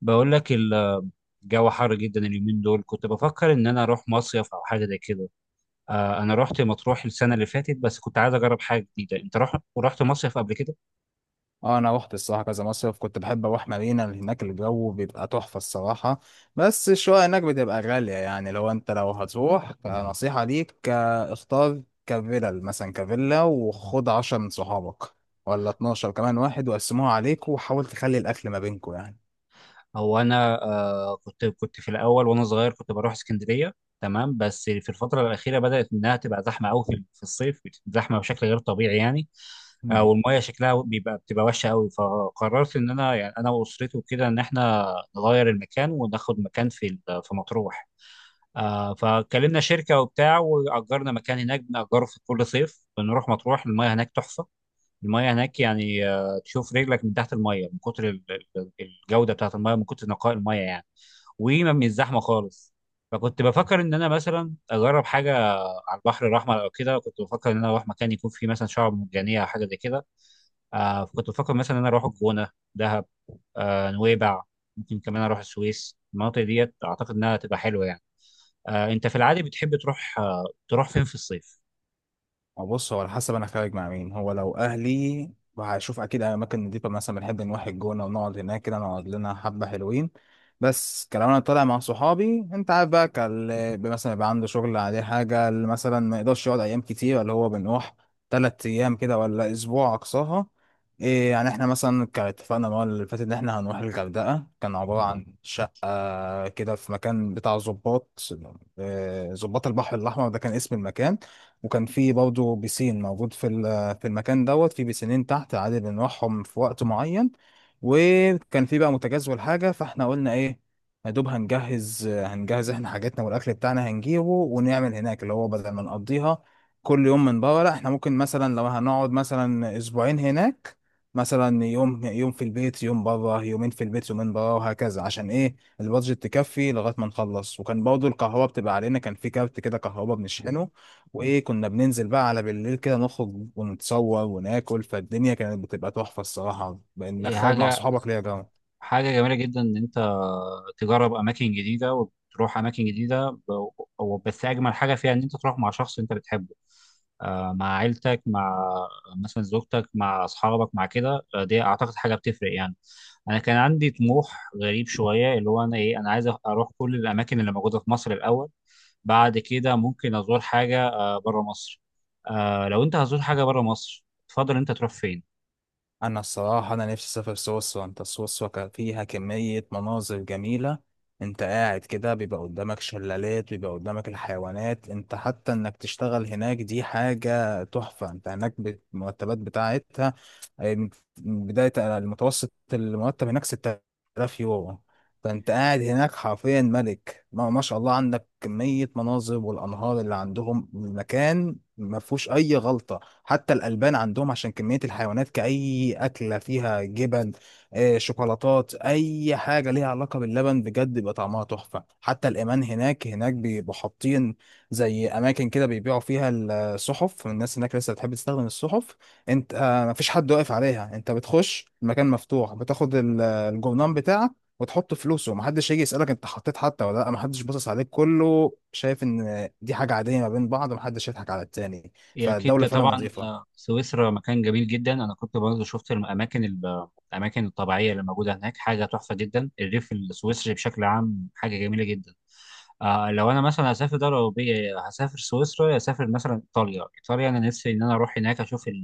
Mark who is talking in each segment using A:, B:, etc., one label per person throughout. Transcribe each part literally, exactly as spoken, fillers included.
A: بقول لك الجو حر جدا اليومين دول. كنت بفكر ان انا اروح مصيف او حاجه زي كده. آه، انا رحت مطروح السنه اللي فاتت، بس كنت عايز اجرب حاجه جديده. انت رحت رحت مصيف قبل كده؟
B: اه انا روحت الصراحه كذا مصيف، كنت بحب اروح مارينا، اللي هناك الجو بيبقى تحفه الصراحه. بس الشقق هناك بتبقى غاليه، يعني لو انت لو هتروح نصيحه ليك آه، اختار كفيلل مثلا كفيلا وخد عشرة من صحابك ولا اتناشر، كمان واحد وقسموها عليك وحاول تخلي الاكل ما بينكم يعني.
A: هو انا آه كنت كنت في الاول وانا صغير، كنت بروح اسكندريه. تمام، بس في الفتره الاخيره بدات انها تبقى زحمه قوي في في الصيف. زحمه بشكل غير طبيعي يعني. آه، والميه شكلها بيبقى بتبقى وحشه قوي، فقررت ان انا يعني انا واسرتي وكده ان احنا نغير المكان وناخد مكان في في مطروح. آه، فكلمنا شركه وبتاع، واجرنا مكان هناك بنأجره في كل صيف. بنروح مطروح، المايه هناك تحفه. المايه هناك يعني، آه تشوف رجلك من تحت المايه من كتر ال- ال- الجوده بتاعت المايه، من كتر نقاء المايه يعني. وما الزحمه خالص. فكنت بفكر ان انا مثلا اجرب حاجه على البحر الاحمر او كده. كنت بفكر ان انا اروح مكان يكون فيه مثلا شعاب مرجانيه او حاجه زي كده. آه فكنت بفكر مثلا ان انا اروح الجونه، دهب، آه نويبع. ممكن كمان اروح السويس، المناطق ديت اعتقد انها تبقى حلوه يعني. آه، انت في العادي بتحب تروح آه، تروح فين في الصيف؟
B: بص، هو على حسب انا خارج مع مين. هو لو اهلي هشوف اكيد اماكن نضيفه، مثلا بنحب نروح الجونه ونقعد هناك كده، نقعد لنا حبه حلوين. بس كلام انا طالع مع صحابي، انت عارف بقى، كال مثلا يبقى عنده شغل عليه حاجه، اللي مثلا ما يقدرش يقعد ايام كتير، اللي هو بنروح تلات ايام كده ولا اسبوع اقصاها. إيه يعني، احنا مثلا كان اتفقنا المره اللي فاتت ان احنا هنروح الغردقه، كان عباره عن شقه آه، كده في مكان بتاع ظباط، آه، ظباط البحر الأحمر ده كان اسم المكان. وكان في برضه بيسين موجود في ال- في المكان دوت، في بيسينين تحت عادي بنروحهم في وقت معين. وكان في بقى متجزول حاجة، فاحنا قلنا ايه، يا دوب هنجهز هنجهز احنا حاجاتنا والأكل بتاعنا هنجيبه ونعمل هناك، اللي هو بدل ما نقضيها كل يوم من بره، لا، احنا ممكن مثلا لو هنقعد مثلا أسبوعين هناك، مثلا يوم يوم، في البيت يوم بره، يومين في البيت يومين بره، وهكذا، عشان ايه؟ البادجت تكفي لغايه ما نخلص. وكان برضه الكهرباء بتبقى علينا، كان في كارت كده كهرباء بنشحنه. وايه، كنا بننزل بقى على بالليل كده، نخرج ونتصور وناكل، فالدنيا كانت بتبقى تحفه الصراحه، انك
A: إيه،
B: خارج مع
A: حاجة
B: صحابك، ليه يا جماعه.
A: حاجة جميلة جدا إن أنت تجرب أماكن جديدة وتروح أماكن جديدة، ب- و- بس أجمل حاجة فيها إن أنت تروح مع شخص أنت بتحبه. آه، مع عيلتك، مع مثلا زوجتك، مع أصحابك، مع كده، آه، دي أعتقد حاجة بتفرق يعني. أنا كان عندي طموح غريب شوية، اللي هو أنا إيه أنا عايز أروح كل الأماكن اللي موجودة في مصر الأول، بعد كده ممكن أزور حاجة آه، بره مصر. آه، لو أنت هتزور حاجة بره مصر، تفضل أنت تروح فين؟
B: انا الصراحه، انا نفسي اسافر سويسرا. انت سويسرا كان فيها كميه مناظر جميله، انت قاعد كده بيبقى قدامك شلالات، بيبقى قدامك الحيوانات. انت حتى انك تشتغل هناك دي حاجه تحفه، انت هناك ب- المرتبات بتاعتها آه، من من بدايه المتوسط، المرتب هناك ستة آلاف يورو. فانت قاعد هناك حرفيا ملك، ما, ما شاء الله، عندك كميه مناظر، والانهار اللي عندهم، المكان ما فيهوش اي غلطه. حتى الألبان عندهم، عشان كمية الحيوانات، كأي أكلة فيها جبن، آه، شوكولاتات، أي حاجة ليها علاقة باللبن بجد بيبقى طعمها تحفة. حتى الإيمان هناك، هناك بيبقوا حاطين زي أماكن كده بيبيعوا فيها الصحف. الناس هناك لسه بتحب تستخدم الصحف. أنت آه، مفيش حد واقف عليها، أنت بتخش المكان مفتوح، بتاخد ال- الجرنان بتاعك وتحط فلوسه، ومحدش يجي يسألك انت حطيت حتى ولا لا. محدش باصص عليك، كله شايف ان دي حاجة عادية ما بين بعض، ومحدش يضحك على التاني.
A: هي
B: فالدولة
A: اكيد
B: فعلا
A: طبعا، آه،
B: نظيفة.
A: سويسرا مكان جميل جدا. انا كنت برضه شفت الاماكن ال- الاماكن الطبيعيه اللي موجوده هناك، حاجه تحفه جدا. الريف السويسري بشكل عام حاجه جميله جدا. آه لو انا مثلا هسافر دوله اوروبيه، هسافر سويسرا، هسافر مثلا ايطاليا. ايطاليا انا نفسي ان انا اروح هناك اشوف ال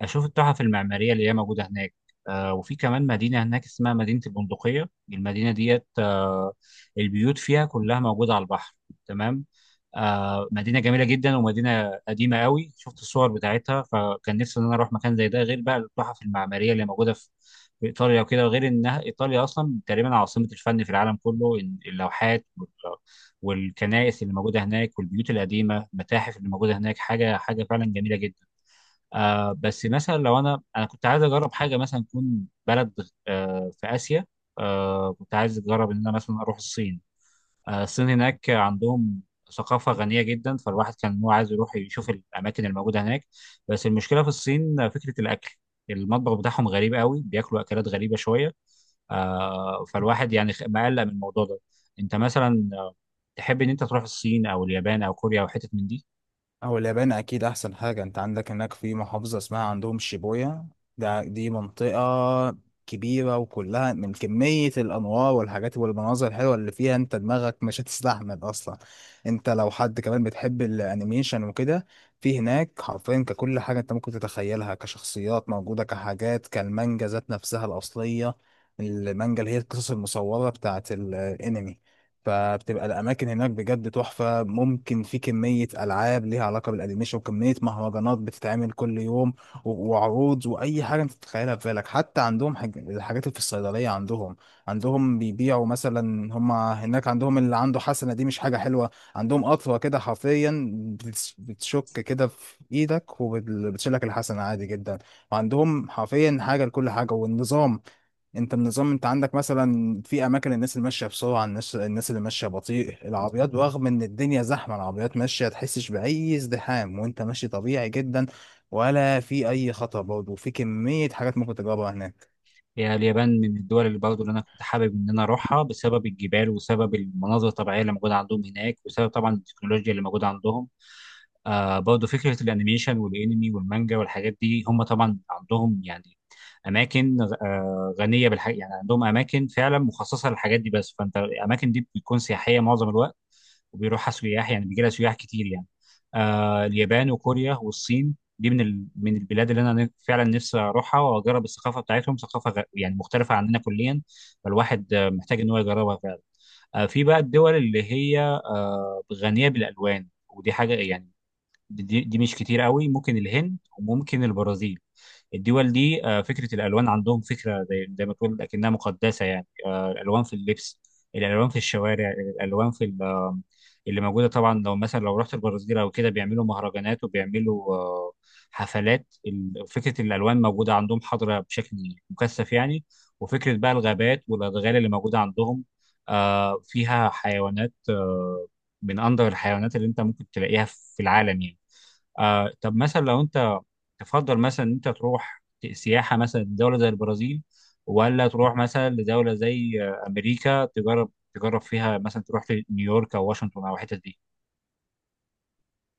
A: اشوف التحف المعماريه اللي هي موجوده هناك. آه وفي كمان مدينه هناك اسمها مدينه البندقيه. المدينه ديت، آه البيوت فيها كلها موجوده على البحر، تمام. آه مدينه جميله جدا، ومدينه قديمه قوي، شفت الصور بتاعتها، فكان نفسي ان انا اروح مكان زي ده، غير بقى التحف المعماريه اللي موجوده في في ايطاليا وكده. غير انها ايطاليا اصلا تقريبا عاصمه الفن في العالم كله. إن- اللوحات والكنائس اللي موجوده هناك والبيوت القديمه، المتاحف اللي موجوده هناك، حاجه حاجه فعلا جميله جدا. آه بس مثلا لو انا انا كنت عايز اجرب حاجه مثلا تكون بلد آه في اسيا. آه كنت عايز اجرب ان انا مثلا اروح الصين. آه الصين هناك عندهم ثقافه غنيه جدا، فالواحد كان هو عايز يروح يشوف الاماكن الموجوده هناك. بس المشكله في الصين فكره الاكل. المطبخ بتاعهم غريب قوي، بياكلوا اكلات غريبه شويه. آه، فالواحد يعني خ- مقلق من الموضوع ده. انت مثلا، آه، تحب ان انت تروح الصين او اليابان او كوريا او حتت من دي؟
B: أو اليابان، أكيد أحسن حاجة. أنت عندك هناك في محافظة اسمها عندهم شيبويا. ده دي منطقة كبيرة، وكلها من كمية الأنوار والحاجات والمناظر الحلوة اللي فيها، أنت دماغك مش هتستحمل أصلا. أنت لو حد كمان بتحب الأنيميشن وكده، في هناك حرفيا ككل حاجة أنت ممكن تتخيلها، كشخصيات موجودة، كحاجات كالمانجا ذات نفسها الأصلية، المانجا اللي هي القصص المصورة بتاعت الأنمي. فبتبقى الاماكن هناك بجد تحفه. ممكن في كميه العاب ليها علاقه بالانيميشن، وكميه مهرجانات بتتعمل كل يوم، و- وعروض، واي حاجه انت تتخيلها في بالك. حتى عندهم حاج... الحاجات اللي في الصيدليه، عندهم عندهم بيبيعوا مثلا، هم هناك عندهم اللي عنده حسنه دي مش حاجه حلوه، عندهم قطوه كده حرفيا بتس- بتشك كده في ايدك وبتشيلك الحسنه عادي جدا. وعندهم حرفيا حاجه لكل حاجه. والنظام، انت النظام، انت عندك مثلا في اماكن الناس اللي ماشيه بسرعه، الناس الناس اللي ماشيه بطيء، العربيات رغم ان الدنيا زحمه العربيات ماشيه تحسش باي ازدحام، وانت ماشي طبيعي جدا، ولا في اي خطر. برضه في كميه حاجات ممكن تجربها هناك.
A: هي اليابان من الدول اللي برضه اللي انا كنت حابب ان انا اروحها، بسبب الجبال، وسبب المناظر الطبيعيه اللي موجوده عندهم هناك، وسبب طبعا التكنولوجيا اللي موجوده عندهم. آه برضه فكره الانيميشن والانمي والمانجا والحاجات دي، هم طبعا عندهم يعني اماكن آه غنيه بالحاجات. يعني عندهم اماكن فعلا مخصصه للحاجات دي، بس فانت الاماكن دي بتكون سياحيه معظم الوقت، وبيروحها سياح يعني، بيجي لها سياح كتير يعني. آه اليابان وكوريا والصين دي من ال... من البلاد اللي انا ن- فعلا نفسي اروحها، واجرب الثقافه بتاعتهم، ثقافه غ... يعني مختلفه عننا كليا. فالواحد آه، محتاج ان هو يجربها فعلا. آه في بقى الدول اللي هي آه غنيه بالالوان، ودي حاجه يعني دي, دي مش كتير قوي، ممكن الهند وممكن البرازيل. الدول دي، آه، فكرة الألوان عندهم، فكرة زي زي ما تقول لكنها مقدسة يعني. آه، الألوان في اللبس، الألوان في الشوارع، الألوان في ال- آه، اللي موجودة. طبعا لو مثلا لو رحت البرازيل أو كده بيعملوا مهرجانات، وبيعملوا آه، حفلات. ال- فكرة الألوان موجودة عندهم حاضرة بشكل مكثف يعني. وفكرة بقى الغابات والأدغال اللي موجودة عندهم، آه، فيها حيوانات آه، من أندر الحيوانات اللي أنت ممكن تلاقيها في العالم يعني. آه طب مثلا لو انت تفضل مثلا انت تروح سياحه مثلا دوله زي البرازيل، ولا تروح مثلا لدوله زي آه، امريكا تجرب تجرب فيها مثلا تروح في نيويورك او واشنطن او الحتت دي؟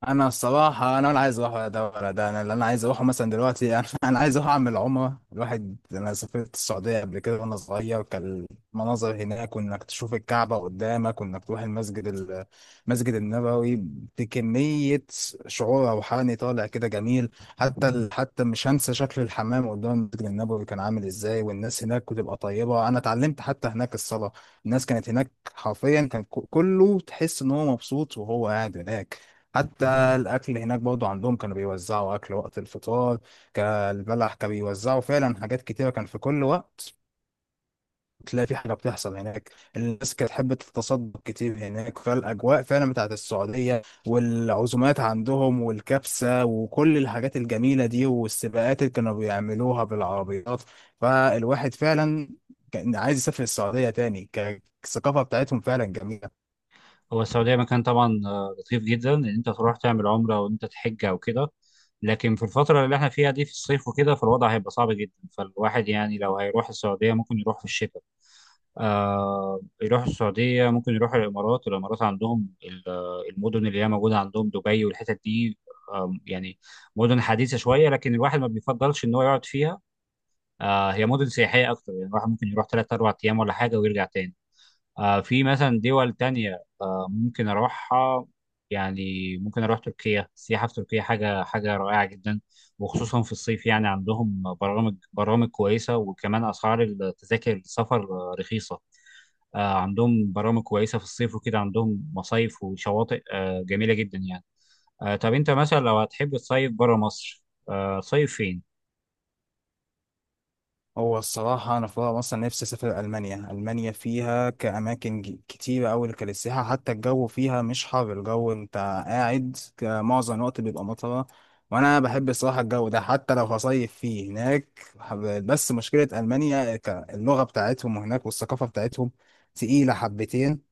B: انا الصراحه، انا ولا عايز اروح ولا ده ولا ده. انا اللي انا عايز اروحه مثلا دلوقتي انا انا عايز اروح اعمل عمره. الواحد انا سافرت السعوديه قبل كده وانا صغير، كان المناظر هناك، وانك تشوف الكعبه قدامك، وانك تروح المسجد ال- المسجد النبوي، بكميه شعور روحاني طالع كده جميل. حتى ال- حتى مش هنسى شكل الحمام قدام المسجد النبوي كان عامل ازاي. والناس هناك بتبقى طيبه، انا اتعلمت حتى هناك الصلاه. الناس كانت هناك حرفيا، كان ك- كله تحس ان هو مبسوط وهو قاعد هناك. حتى الاكل هناك برضو عندهم، كانوا بيوزعوا اكل وقت الفطار، كالبلح كانوا بيوزعوا، فعلا حاجات كتيره كان في كل وقت تلاقي في حاجه بتحصل هناك. الناس كانت تحب تتصدق كتير هناك. فالاجواء فعلا بتاعت السعوديه والعزومات عندهم والكبسه وكل الحاجات الجميله دي، والسباقات اللي كانوا بيعملوها بالعربيات، فالواحد فعلا كان عايز يسافر السعوديه تاني. ك- الثقافه بتاعتهم فعلا جميله.
A: هو السعوديه مكان طبعا، آه، لطيف جدا ان انت تروح تعمل عمره وان انت تحج او كده، لكن في الفتره اللي احنا فيها دي في الصيف وكده، فالوضع هيبقى صعب جدا. فالواحد يعني لو هيروح السعوديه ممكن يروح في الشتاء. آه يروحوا السعودية، ممكن يروحوا الإمارات. الإمارات عندهم ال- آه، المدن اللي هي موجودة عندهم دبي والحتت دي. آم، يعني مدن حديثة شوية، لكن الواحد ما بيفضلش إن هو يقعد فيها. آه هي مدن سياحية أكتر يعني، الواحد ممكن يروح تلات أربع أيام ولا حاجة ويرجع تاني. آه، في مثلا دول تانية آه، ممكن أروحها يعني. ممكن أروح تركيا، السياحة في تركيا حاجة حاجة رائعة جدا، وخصوصا في الصيف يعني. عندهم برامج برامج كويسة، وكمان أسعار التذاكر السفر آه، رخيصة. آه، عندهم برامج كويسة في الصيف وكده، عندهم مصايف وشواطئ آه، جميلة جدا يعني. آه، طب أنت مثلا لو هتحب تصيف برا مصر، آه، صيف فين؟
B: هو الصراحة أنا في مرة أصلا نفسي أسافر ألمانيا. ألمانيا فيها كأماكن ج- كتيرة أوي كللسياحة حتى الجو فيها مش حر. الجو أنت قاعد ك- معظم الوقت بيبقى مطرة، وأنا بحب الصراحة الجو ده، حتى لو هصيف فيه هناك حب- بس مشكلة ألمانيا ك- اللغة بتاعتهم هناك والثقافة بتاعتهم تقيلة حبتين،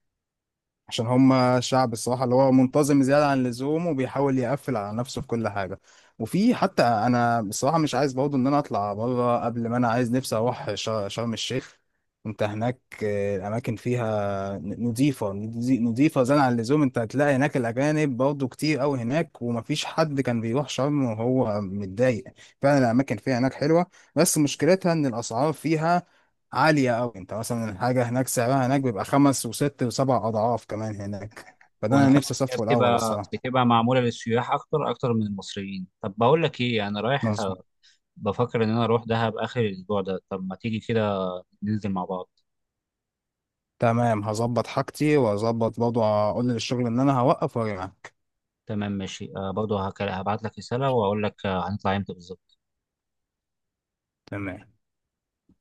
B: عشان هم شعب الصراحة اللي هو منتظم زيادة عن اللزوم، وبيحاول يقفل على نفسه في كل حاجة. وفي حتى أنا بصراحة مش عايز برضه إن أنا أطلع بره. قبل ما أنا، عايز نفسي أروح ش- شرم الشيخ. أنت هناك آه، الأماكن فيها ن- نضيفة نضي- نضيفة زيادة عن اللزوم. أنت هتلاقي هناك الأجانب برضه كتير أوي هناك، ومفيش حد كان بيروح شرم وهو متضايق. فعلا الأماكن فيها هناك حلوة، بس مشكلتها إن الأسعار فيها عالية أوي. أنت مثلا الحاجة هناك سعرها هناك بيبقى خمس وست وسبع أضعاف كمان هناك. فده
A: وأنا
B: أنا
A: فاهم
B: نفسي
A: إن هي
B: أصفه الأول
A: بتبقى
B: الصراحة.
A: بتبقى معمولة للسياح أكتر أكتر من المصريين. طب بقول لك إيه، أنا رايح
B: مظبوط.
A: بفكر إن أنا أروح دهب آخر الأسبوع ده. طب ما تيجي كده ننزل مع بعض.
B: تمام، هظبط حاجتي وأظبط برضه أقول للشغل إن أنا هوقف وأرجعك.
A: تمام ماشي، آه برضه هك- هبعت لك رسالة وأقول لك آه هنطلع إمتى بالظبط.
B: تمام.